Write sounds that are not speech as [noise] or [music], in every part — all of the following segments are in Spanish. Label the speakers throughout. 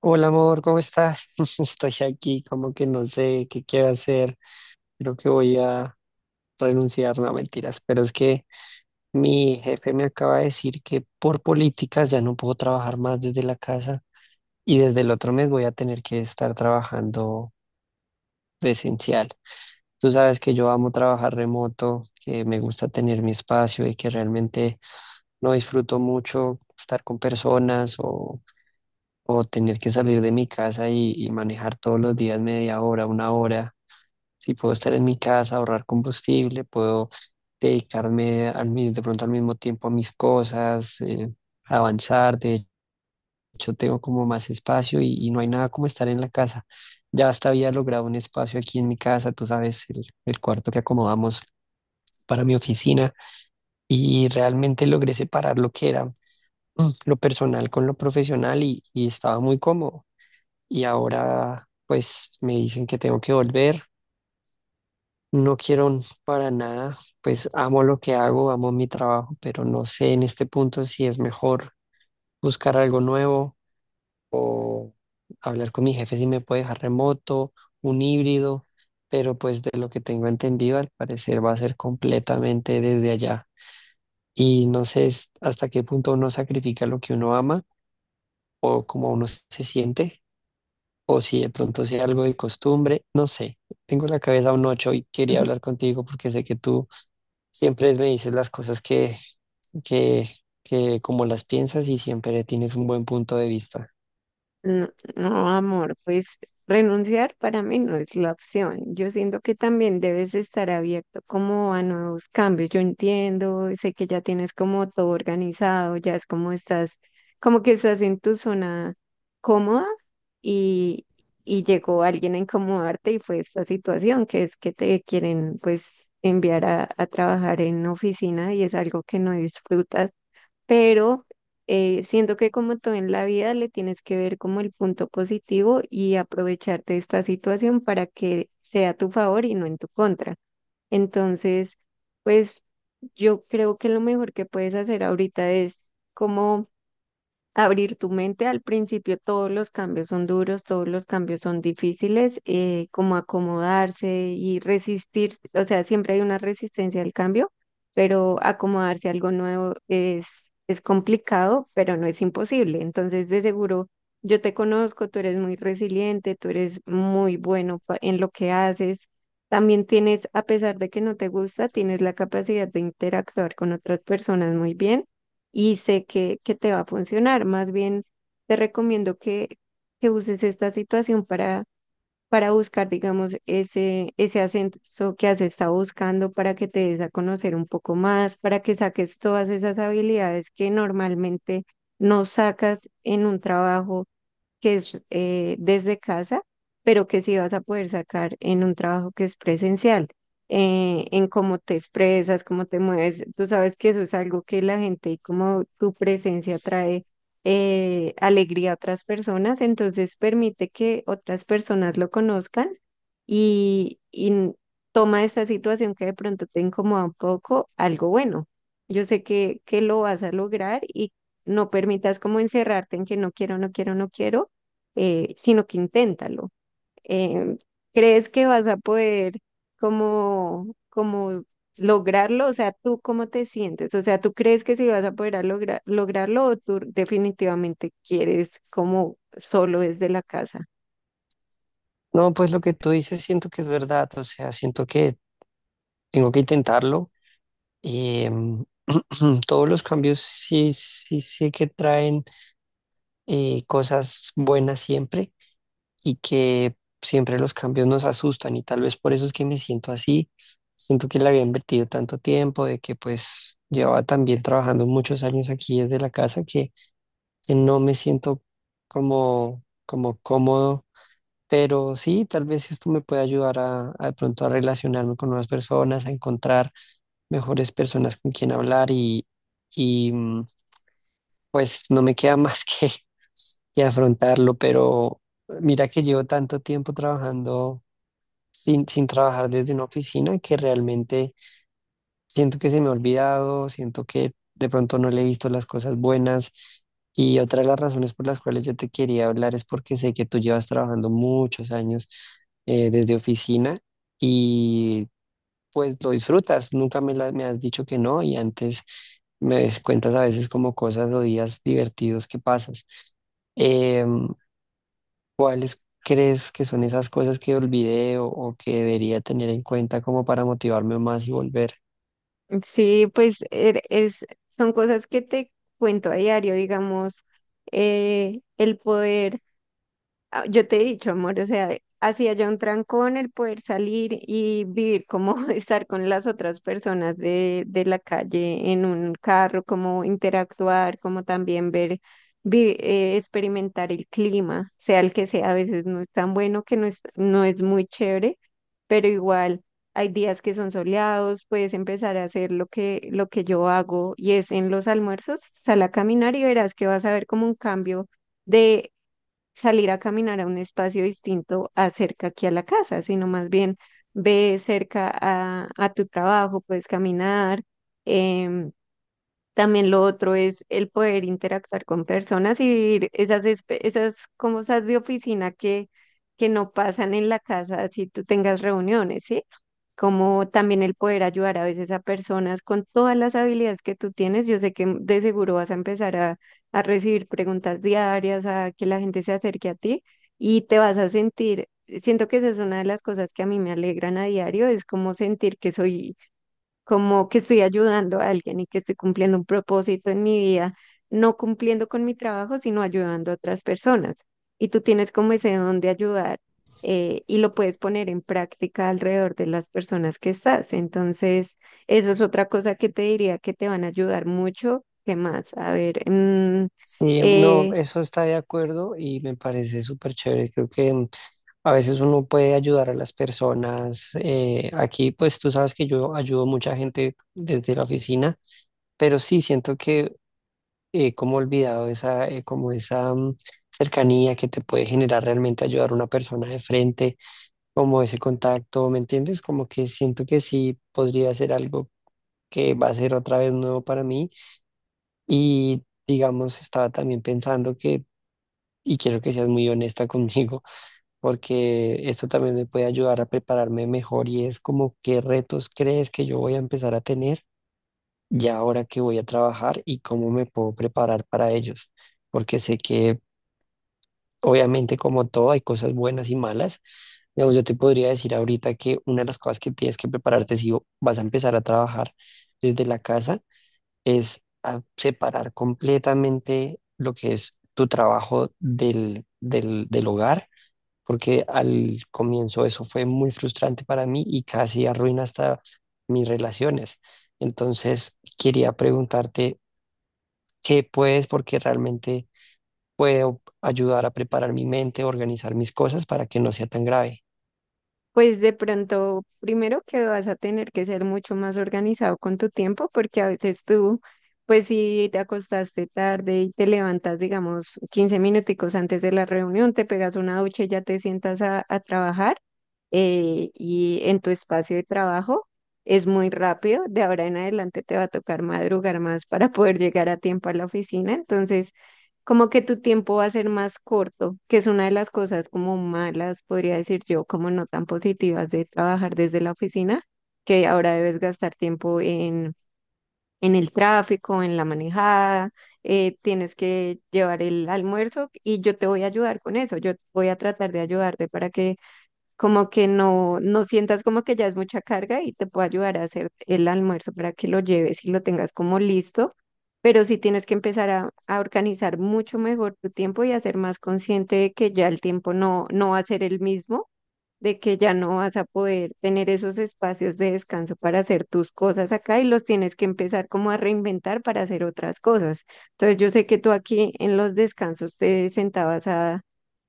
Speaker 1: Hola amor, ¿cómo estás? [laughs] Estoy aquí como que no sé qué quiero hacer. Creo que voy a renunciar, no mentiras, pero es que mi jefe me acaba de decir que por políticas ya no puedo trabajar más desde la casa y desde el otro mes voy a tener que estar trabajando presencial. Tú sabes que yo amo trabajar remoto, que me gusta tener mi espacio y que realmente no disfruto mucho estar con personas o tener que salir de mi casa y manejar todos los días media hora, una hora. Si puedo estar en mi casa, ahorrar combustible, puedo dedicarme de pronto al mismo tiempo a mis cosas, avanzar. De hecho, tengo como más espacio y no hay nada como estar en la casa. Ya hasta había logrado un espacio aquí en mi casa, tú sabes, el cuarto que acomodamos para mi oficina y realmente logré separar lo que era lo personal con lo profesional y estaba muy cómodo. Y ahora pues me dicen que tengo que volver. No quiero para nada, pues amo lo que hago, amo mi trabajo, pero no sé en este punto si es mejor buscar algo nuevo o hablar con mi jefe si me puede dejar remoto, un híbrido, pero pues de lo que tengo entendido al parecer va a ser completamente desde allá. Y no sé hasta qué punto uno sacrifica lo que uno ama o cómo uno se siente o si de pronto sea algo de costumbre, no sé. Tengo en la cabeza un ocho y quería
Speaker 2: Ujú.
Speaker 1: hablar contigo porque sé que tú siempre me dices las cosas que, que como las piensas y siempre tienes un buen punto de vista.
Speaker 2: No, no, amor, pues renunciar para mí no es la opción. Yo siento que también debes estar abierto como a nuevos cambios. Yo entiendo, sé que ya tienes como todo organizado, ya es como estás, como que estás en tu zona cómoda y, y llegó alguien a incomodarte y fue esta situación, que es que te quieren pues enviar a trabajar en oficina y es algo que no disfrutas pero siento que como todo en la vida le tienes que ver como el punto positivo y aprovecharte de esta situación para que sea a tu favor y no en tu contra. Entonces, pues yo creo que lo mejor que puedes hacer ahorita es como abrir tu mente. Al principio todos los cambios son duros, todos los cambios son difíciles, como acomodarse y resistir, o sea, siempre hay una resistencia al cambio, pero acomodarse a algo nuevo es complicado, pero no es imposible. Entonces, de seguro, yo te conozco, tú eres muy resiliente, tú eres muy bueno pa- en lo que haces. También tienes, a pesar de que no te gusta, tienes la capacidad de interactuar con otras personas muy bien y sé que te va a funcionar. Más bien, te recomiendo que uses esta situación para buscar, digamos, ese ascenso que has estado buscando, para que te des a conocer un poco más, para que saques todas esas habilidades que normalmente no sacas en un trabajo que es desde casa, pero que sí vas a poder sacar en un trabajo que es presencial, en cómo te expresas, cómo te mueves. Tú sabes que eso es algo que la gente y como tu presencia trae alegría a otras personas, entonces permite que otras personas lo conozcan y, y n- toma esta situación que de pronto te incomoda un poco, algo bueno. Yo sé que lo vas a lograr y no permitas como encerrarte en que no quiero, no quiero, no quiero sino que inténtalo. Em, ¿Crees que vas a poder como lograrlo? O sea, ¿tú cómo te sientes? O sea, ¿tú crees que sí vas a poder lograrlo o tú definitivamente quieres como solo desde la casa?
Speaker 1: No, pues lo que tú dices siento que es verdad, o sea, siento que tengo que intentarlo. Eh, [clears throat] todos los cambios sí que traen cosas buenas siempre. Y que siempre los cambios nos asustan y tal vez por eso es que me siento así. Siento que le había invertido tanto tiempo, de que pues llevaba también trabajando muchos años aquí desde la casa, que no me siento como cómodo. Pero sí, tal vez esto me puede ayudar a de pronto a relacionarme con nuevas personas, a encontrar mejores personas con quien hablar y pues no me queda más [laughs] que afrontarlo. Pero mira que llevo tanto tiempo trabajando sin trabajar desde una oficina que realmente siento que se me ha olvidado, siento que de pronto no le he visto las cosas buenas. Y otra de las razones por las cuales yo te quería hablar es porque sé que tú llevas trabajando muchos años desde oficina y pues lo disfrutas, nunca me has dicho que no y antes cuentas a veces como cosas o días divertidos que pasas. Em, ¿Cuáles crees que son esas cosas que olvidé o que debería tener en cuenta como para motivarme más y volver?
Speaker 2: Sí, pues son cosas que te cuento a diario, digamos, el poder Ah, yo te he dicho, amor, o sea, hacía ya un trancón el poder salir y vivir como [laughs] estar con las otras personas de la calle en un carro, como interactuar, como también experimentar el clima, sea el que sea, a veces no es tan bueno, que no es muy chévere, pero igual hay días que son soleados, puedes empezar a hacer lo que yo hago y es en los almuerzos, sal a caminar y verás que vas a ver como un cambio salir a caminar a un espacio distinto a cerca aquí a la casa, sino más bien ve cerca a tu trabajo, puedes caminar. Em, también lo otro es el poder interactuar con personas y vivir esas cosas de oficina que no pasan en la casa si tú tengas reuniones, ¿sí? Como también el poder ayudar a veces a personas con todas las habilidades que tú tienes. Yo sé que de seguro vas a empezar a recibir preguntas diarias, a que la gente se acerque a ti y te vas a sentir, siento que esa es una de las cosas que a mí me alegran a diario, es como sentir que soy como que estoy ayudando a alguien y que estoy cumpliendo un propósito en mi vida, no cumpliendo con mi trabajo, sino ayudando a otras personas. Y tú tienes como ese don de ayudar y lo puedes poner en práctica alrededor de las personas que estás. Entonces, eso es otra cosa que te diría que te van a ayudar mucho. ¿Qué más? A ver,
Speaker 1: Sí, no,
Speaker 2: eh,
Speaker 1: eso está de acuerdo y me parece súper chévere. Creo que a veces uno puede ayudar a las personas. Aquí, pues tú sabes que yo ayudo mucha gente desde la oficina, pero sí siento que como he olvidado esa, como esa cercanía que te puede generar realmente ayudar a una persona de frente como ese contacto, ¿me entiendes? Como que siento que sí podría ser algo que va a ser otra vez nuevo para mí y digamos, estaba también pensando y quiero que seas muy honesta [laughs] conmigo, porque esto también me puede ayudar a prepararme mejor y es como qué retos crees que yo voy a empezar a tener ya ahora que voy a trabajar y cómo me puedo preparar para ellos, porque sé que obviamente como todo hay cosas buenas y malas. Digamos, yo te podría decir ahorita que una de las cosas que tienes que prepararte si vas a empezar a trabajar desde la casa es a separar completamente lo que es tu trabajo del hogar, porque al comienzo eso fue muy frustrante para mí y casi arruina hasta mis relaciones. Entonces, quería preguntarte qué puedes, porque realmente puedo ayudar a preparar mi mente, organizar mis cosas para que no sea tan grave.
Speaker 2: pues de pronto, primero que vas a tener que ser mucho más organizado con tu tiempo, porque a veces tú, pues si te acostaste tarde y te levantas, digamos, 15 minuticos antes de la reunión, te pegas una ducha y ya te sientas a trabajar y en tu espacio de trabajo es muy rápido. De ahora en adelante te va a tocar madrugar más para poder llegar a tiempo a la oficina. Entonces, como que tu tiempo va a ser más corto, que es una de las cosas como malas, podría decir yo, como no tan positivas de trabajar desde la oficina, que ahora debes gastar tiempo en el tráfico, en la manejada, tienes que llevar el almuerzo y yo te voy a ayudar con eso, yo voy a tratar de ayudarte para que como que no sientas como que ya es mucha carga y te puedo ayudar a hacer el almuerzo para que lo lleves y lo tengas como listo pero sí tienes que empezar a organizar mucho mejor tu tiempo y a ser más consciente de que ya el tiempo no va a ser el mismo, de que ya no vas a poder tener esos espacios de descanso para hacer tus cosas acá y los tienes que empezar como a reinventar para hacer otras cosas. Entonces yo sé que tú aquí en los descansos te sentabas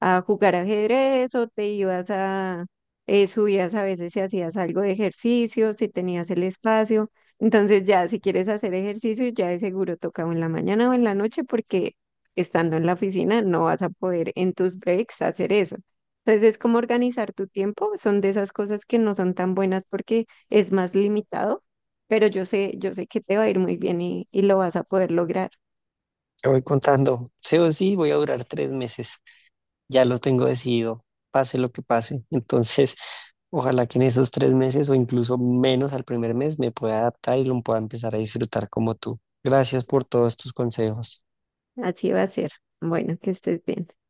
Speaker 2: a jugar ajedrez o subías a veces si hacías algo de ejercicio, si tenías el espacio. Entonces ya si quieres hacer ejercicio, ya de seguro toca o en la mañana o en la noche porque estando en la oficina no vas a poder en tus breaks hacer eso. Entonces es como organizar tu tiempo, son de esas cosas que no son tan buenas porque es más limitado, pero yo sé que te va a ir muy bien y lo vas a poder lograr.
Speaker 1: Te voy contando, sí o sí voy a durar 3 meses, ya lo tengo decidido, pase lo que pase. Entonces, ojalá que en esos 3 meses o incluso menos al primer mes me pueda adaptar y lo pueda empezar a disfrutar como tú. Gracias por todos tus consejos.
Speaker 2: Así va a ser. Bueno, que estés bien.